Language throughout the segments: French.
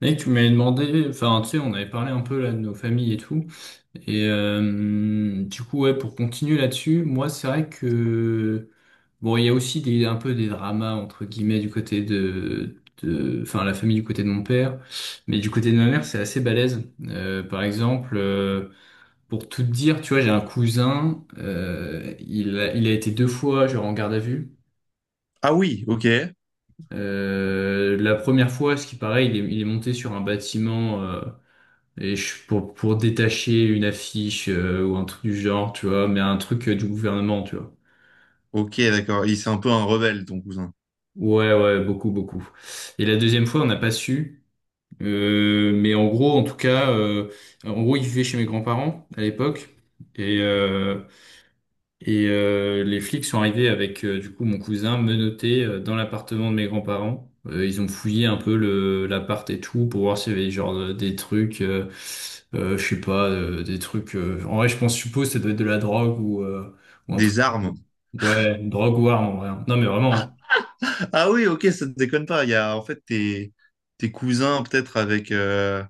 Mec, tu m'avais demandé, enfin, tu sais, on avait parlé un peu là de nos familles et tout. Et du coup, ouais, pour continuer là-dessus, moi, c'est vrai que bon, il y a aussi des, un peu des dramas entre guillemets du côté de, enfin, la famille du côté de mon père, mais du côté de ma mère, c'est assez balèze. Par exemple, pour tout te dire, tu vois, j'ai un cousin, il a été deux fois genre en garde à vue. Ah oui, ok. La première fois, ce qui paraît, il est monté sur un bâtiment. Pour détacher une affiche ou un truc du genre, tu vois, mais un truc du gouvernement, tu vois. Ok, d'accord. Il c'est un peu un rebelle, ton cousin. Ouais, ouais, beaucoup, beaucoup. Et la deuxième fois, on n'a pas su. Mais en gros, en tout cas, en gros, il vivait chez mes grands-parents à l'époque. Et, euh, Et les flics sont arrivés avec du coup mon cousin menotté dans l'appartement de mes grands-parents. Ils ont fouillé un peu le l'appart et tout pour voir s'il y avait genre des trucs, je sais pas, des trucs. En vrai, je pense, je suppose, que ça doit être de la drogue ou un truc. Des armes. Ouais, une drogue ou arme en vrai. Hein. Non mais vraiment. Ah oui, ok, ça ne déconne pas. Il y a en fait tes, tes cousins peut-être avec,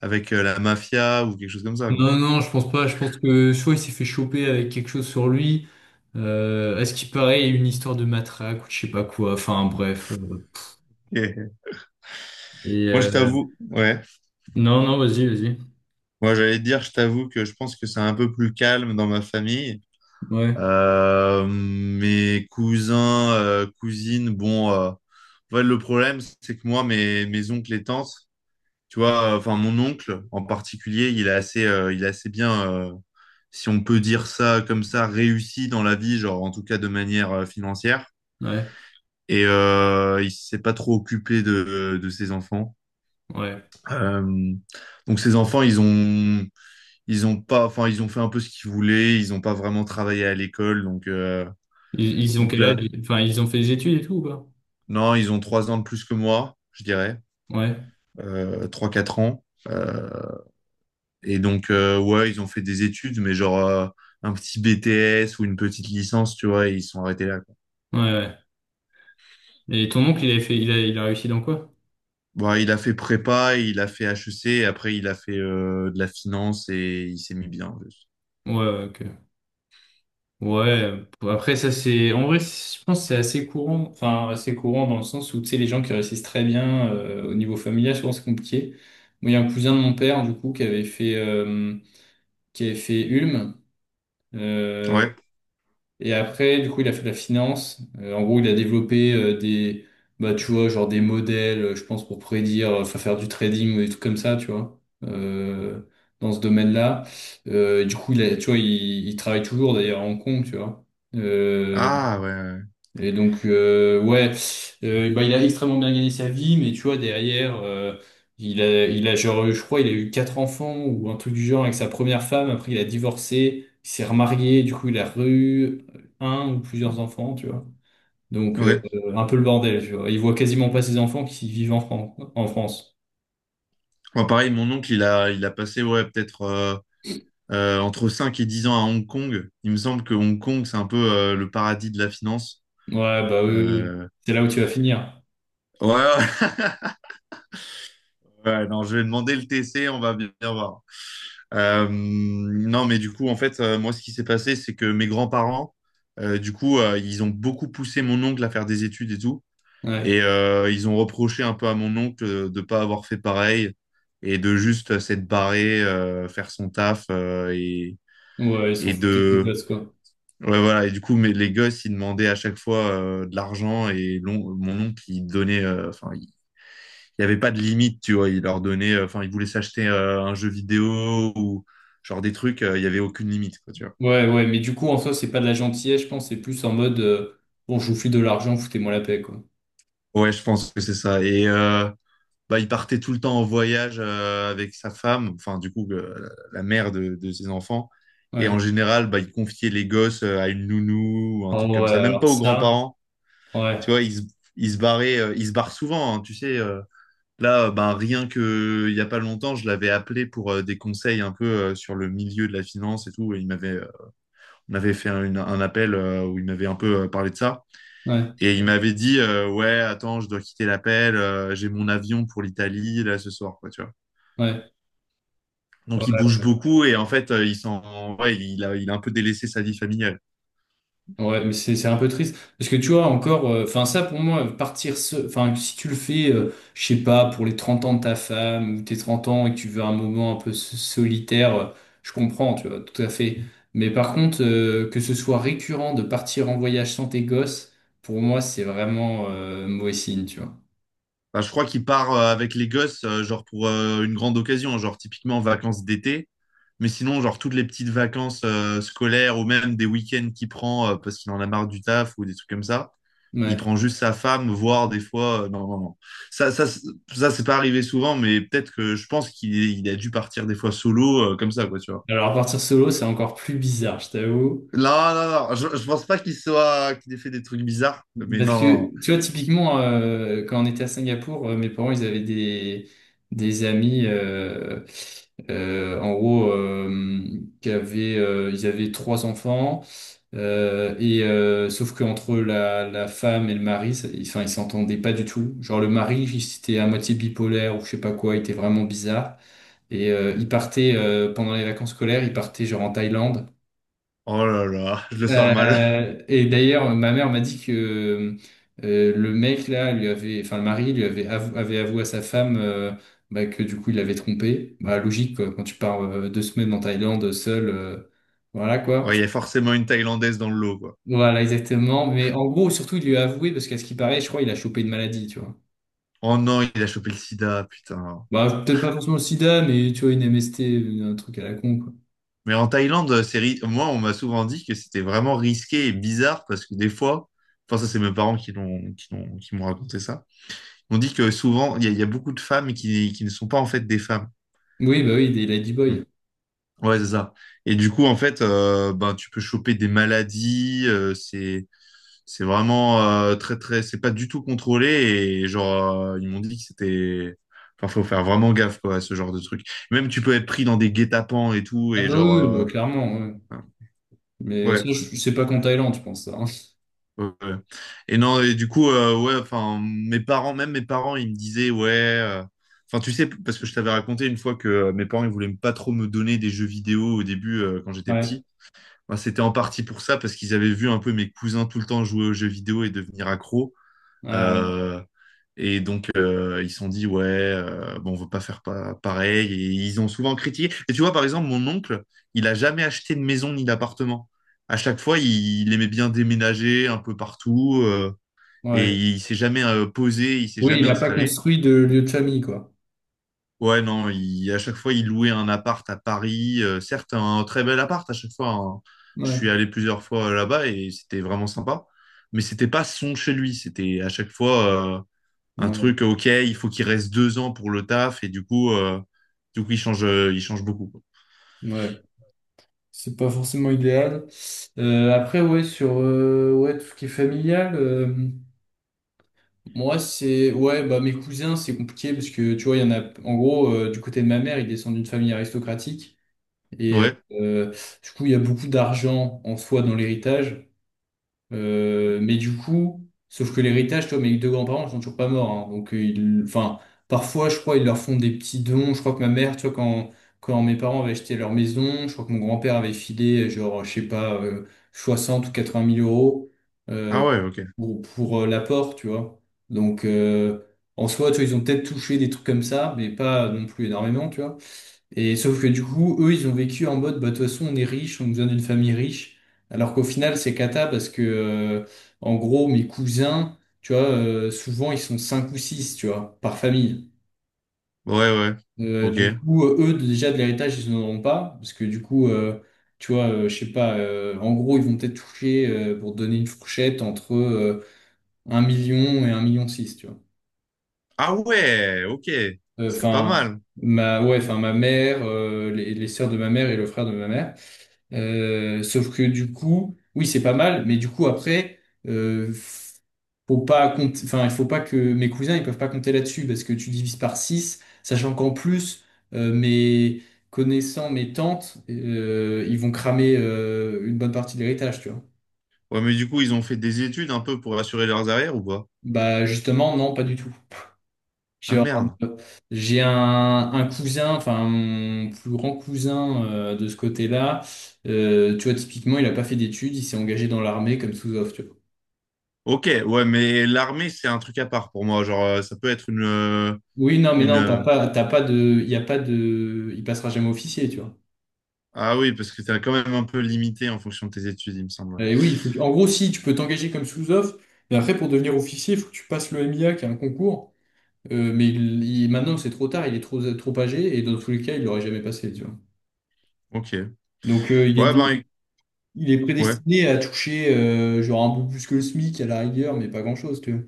avec la mafia ou quelque chose comme ça, Hein. quoi. Non non, je pense pas. Je pense que soit il s'est fait choper avec quelque chose sur lui. À ce qu'il paraît, il y a eu une histoire de matraque ou je sais pas quoi. Enfin bref. Ok. Et Moi, je t'avoue, ouais. non non, vas-y vas-y. Moi, j'allais te dire, je t'avoue que je pense que c'est un peu plus calme dans ma famille. Ouais, Mes cousins, cousines, bon, ouais, le problème, c'est que moi, mes oncles et tantes. Tu vois, enfin, mon oncle en particulier, il est assez bien, si on peut dire ça comme ça, réussi dans la vie, genre en tout cas de manière financière. ouais, Et il s'est pas trop occupé de ses enfants. ouais. Euh, donc ses enfants, ils ont pas, enfin, ils ont fait un peu ce qu'ils voulaient. Ils ont pas vraiment travaillé à l'école. Ils ont Donc quel âge? là, Enfin, ils ont fait des études et tout, ou pas? non, ils ont trois ans de plus que moi, je dirais, Ouais, trois, quatre ans. Et donc, ouais, ils ont fait des études, mais genre un petit BTS ou une petite licence, tu vois, et ils sont arrêtés là, quoi. ouais, ouais. Et ton oncle, il a fait, il a réussi dans quoi? Bon, il a fait prépa, il a fait HEC, et après il a fait de la finance et il s'est mis bien, en plus. Ouais, ouais, ok. Ouais, après, ça, c'est, en vrai, c'est- je pense que c'est assez courant, enfin, assez courant dans le sens où, tu sais, les gens qui réussissent très bien, au niveau familial, souvent, c'est compliqué. Moi, il y a un cousin de mon père, du coup, qui avait fait Ulm. euh, Ouais. Et après, du coup, il a fait de la finance. En gros, il a développé bah, tu vois, genre des modèles, je pense, pour prédire, enfin, faire du trading ou des trucs comme ça, tu vois, dans ce domaine-là. Du coup, tu vois, il travaille toujours d'ailleurs à Hong Kong, tu vois. Euh, Ah ouais. et donc, ouais, bah, il a extrêmement bien gagné sa vie, mais tu vois, derrière, genre, je crois, il a eu quatre enfants ou un truc du genre avec sa première femme. Après, il a divorcé, il s'est remarié, du coup, il a eu un ou plusieurs enfants, tu vois. Donc, Ouais. Ouais. un peu le bordel, tu vois. Il voit quasiment pas ses enfants qui vivent en France, en France. Moi, pareil, mon oncle, il a passé ouais, peut-être entre 5 et 10 ans à Hong Kong. Il me semble que Hong Kong, c'est un peu le paradis de la finance. Ouais, bah, eux, Euh, c'est là où tu vas finir. Ouais, ouais, Ouais, non, je vais demander le TC, on va bien voir. Non, mais du coup, en fait, moi, ce qui s'est passé, c'est que mes grands-parents, du coup, ils ont beaucoup poussé mon oncle à faire des études et tout. Ouais, Et ils ont reproché un peu à mon oncle de pas avoir fait pareil et de juste s'être barré, faire son taf ouais, ils sont et foutus de tes de... gosses, quoi. Ouais, voilà. Et du coup, mais les gosses, ils demandaient à chaque fois de l'argent et mon oncle, il donnait... Enfin, il n'y avait pas de limite, tu vois. Il leur donnait, enfin, ils voulaient s'acheter un jeu vidéo ou genre des trucs, il n'y avait aucune limite, quoi, tu vois. Ouais, ouais, mais du coup, en soi, c'est pas de la gentillesse, je pense, c'est plus en mode, bon, je vous file de l'argent, foutez-moi la paix, quoi. Ouais, je pense que c'est ça. Et bah, il partait tout le temps en voyage avec sa femme, enfin, du coup, la mère de ses enfants. Et en Ouais. général, bah, il confiait les gosses à une nounou ou un truc Oh, comme ouais, ça, même pas alors aux ça, grands-parents. ouais, Tu vois, ils se barraient, ils se barrent souvent, hein, tu sais. Là, bah, rien que il y a pas longtemps, je l'avais appelé pour des conseils un peu sur le milieu de la finance et tout. Et il m'avait m'avait fait un appel où il m'avait un peu parlé de ça. ouais, Et il m'avait dit, ouais, attends, je dois quitter l'appel, j'ai mon avion pour l'Italie, là, ce soir, quoi, tu vois. ouais, Donc, ouais, il bouge beaucoup et en fait, il s'en, ouais, il a un peu délaissé sa vie familiale. ouais, mais c'est un peu triste. Parce que tu vois, encore, enfin, ça, pour moi, partir seul, enfin, si tu le fais, je sais pas, pour les 30 ans de ta femme, ou tes 30 ans, et que tu veux un moment un peu solitaire, je comprends, tu vois, tout à fait. Mais par contre, que ce soit récurrent de partir en voyage sans tes gosses, pour moi, c'est vraiment, mauvais signe, tu vois. Bah, je crois qu'il part avec les gosses, genre pour une grande occasion, genre typiquement vacances d'été. Mais sinon, genre toutes les petites vacances scolaires ou même des week-ends qu'il prend parce qu'il en a marre du taf ou des trucs comme ça. Il Ouais. prend juste sa femme, voire des fois. Euh, non, non, non. Ça, ça c'est pas arrivé souvent, mais peut-être que je pense qu'il il a dû partir des fois solo, comme ça, quoi, tu vois. Alors, partir solo, c'est encore plus bizarre, je t'avoue. Non, non, non, je pense pas qu'il soit, qu'il ait fait des trucs bizarres, mais Parce non, non. que, tu vois, typiquement, quand on était à Singapour, mes parents, ils avaient des amis, en gros, ils avaient trois enfants, et sauf qu'entre la femme et le mari, enfin, ils s'entendaient pas du tout. Genre, le mari, il était à moitié bipolaire ou je sais pas quoi, il était vraiment bizarre. Et il partait, pendant les vacances scolaires, il partait genre en Thaïlande. Oh là là, je le sens mal. Et d'ailleurs, ma mère m'a dit que le mec là lui avait, enfin le mari lui avait avoué à sa femme bah, que du coup il l'avait trompé. Bah logique quoi, quand tu pars 2 semaines en Thaïlande seul, voilà quoi. Ouais, il y a forcément une Thaïlandaise dans le lot, quoi. Voilà exactement. Mais en gros, surtout il lui a avoué parce qu'à ce qui paraît, je crois il a chopé une maladie, tu vois. Oh non, il a chopé le sida, putain. Bah peut-être pas forcément le sida, mais tu vois une MST, un truc à la con quoi. Mais en Thaïlande, moi, on m'a souvent dit que c'était vraiment risqué et bizarre parce que des fois, enfin, ça, c'est mes parents qui l'ont, qui m'ont raconté ça. On dit que souvent, il y a beaucoup de femmes qui ne sont pas en fait des femmes. Oui bah oui, des Hmm. ladyboys. Ouais, c'est ça. Et du coup, en fait, ben, tu peux choper des maladies. C'est vraiment très, très. C'est pas du tout contrôlé. Et genre, ils m'ont dit que c'était. Enfin, faut faire vraiment gaffe, quoi, à ce genre de truc. Même, tu peux être pris dans des guet-apens et tout. Ah Et bah genre. oui, oui, bah, clairement. Ouais. enfin. Mais ça, Ouais, je sais pas qu'en Thaïlande, tu penses ça. Hein. ouais, ouais. Et non, et du coup, ouais, enfin, mes parents, même mes parents, ils me disaient, ouais. Enfin, tu sais, parce que je t'avais raconté une fois que mes parents, ils voulaient pas trop me donner des jeux vidéo au début, quand j'étais Ouais. petit. Bah, c'était en partie pour ça, parce qu'ils avaient vu un peu mes cousins tout le temps jouer aux jeux vidéo et devenir accro. Ouais. Euh, et donc, ils se sont dit, ouais, bon, on veut pas faire pareil. Et ils ont souvent critiqué. Et tu vois, par exemple, mon oncle, il a jamais acheté de maison ni d'appartement. À chaque fois, il aimait bien déménager un peu partout. Et Ouais. il s'est jamais posé, il s'est Oui, il jamais n'a pas installé. construit de lieu de famille, quoi. Ouais, non, à chaque fois, il louait un appart à Paris. Certes, un très bel appart à chaque fois, hein. Je suis Ouais. allé plusieurs fois là-bas et c'était vraiment sympa. Mais c'était pas son chez lui. C'était à chaque fois un Ouais, truc, OK, il faut qu'il reste 2 ans pour le taf. Et du coup il change beaucoup, quoi. ouais. C'est pas forcément idéal. Après, ouais, sur ouais, tout ce qui est familial, moi, c'est. Ouais, bah, mes cousins, c'est compliqué parce que, tu vois, il y en a. En gros, du côté de ma mère, ils descendent d'une famille aristocratique. Et Ouais. Du coup, il y a beaucoup d'argent en soi dans l'héritage. Mais du coup, sauf que l'héritage, toi, mes deux grands-parents ils sont toujours pas morts. Hein. Donc, enfin, parfois, je crois, ils leur font des petits dons. Je crois que ma mère, tu vois, quand mes parents avaient acheté leur maison, je crois que mon grand-père avait filé, genre, je sais pas, 60 ou 80 mille euros Ah euh, ouais, OK. pour l'apport, tu vois. Donc, en soi, tu vois, ils ont peut-être touché des trucs comme ça, mais pas non plus énormément, tu vois. Et sauf que du coup, eux, ils ont vécu en mode, bah, de toute façon, on est riche, on nous donne une famille riche. Alors qu'au final, c'est cata parce que, en gros, mes cousins, tu vois, souvent, ils sont cinq ou six, tu vois, par famille. Ouais, ouais. OK. Du coup, eux, déjà, de l'héritage, ils n'en auront pas. Parce que du coup, tu vois, je sais pas, en gros, ils vont peut-être toucher, pour donner une fourchette, entre 1 million et un million six, tu vois. Ah ouais, OK. C'est pas Enfin, mal. Ouais, enfin, ma mère, les sœurs de ma mère et le frère de ma mère. Sauf que du coup, oui, c'est pas mal, mais du coup après, euh, faut pas compter, enfin, il faut pas que mes cousins ils peuvent pas compter là-dessus parce que tu divises par 6 sachant qu'en plus, mes connaissants, mes tantes, ils vont cramer une bonne partie de l'héritage, tu vois. Ouais, mais du coup, ils ont fait des études un peu pour assurer leurs arrières ou pas? Bah justement, non, pas du tout. Ah Genre, merde. euh, j'ai un cousin, enfin mon plus grand cousin de ce côté-là, tu vois, typiquement, il a pas fait d'études, il s'est engagé dans l'armée comme sous-off, tu vois. Ok, ouais, mais l'armée, c'est un truc à part pour moi. Genre, ça peut être une, Oui, non, mais une. non, t'as pas de, il passera jamais officier, tu vois. Ah oui, parce que t'es quand même un peu limité en fonction de tes études, il me semble, ouais. Et oui, en gros, si tu peux t'engager comme sous-off, mais après pour devenir officier, il faut que tu passes le MIA, qui est un concours. Mais maintenant, c'est trop tard, il est trop, trop âgé et dans tous les cas, il l'aurait jamais passé, tu vois. Ok. Donc Ouais, ben, il est ouais. prédestiné à toucher genre un peu plus que le SMIC à la rigueur, mais pas grand-chose, tu vois.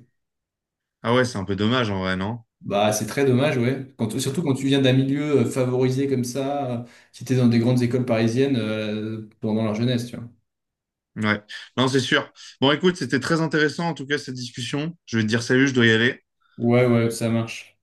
Ah ouais, c'est un peu dommage en vrai, non? Bah, c'est très dommage, ouais. Ouais. Surtout quand tu viens d'un milieu favorisé comme ça, qui était dans des grandes écoles parisiennes pendant leur jeunesse, tu vois. Ouais. Non, c'est sûr. Bon, écoute, c'était très intéressant en tout cas cette discussion. Je vais te dire salut, je dois y aller. Ouais, ouais, ça marche.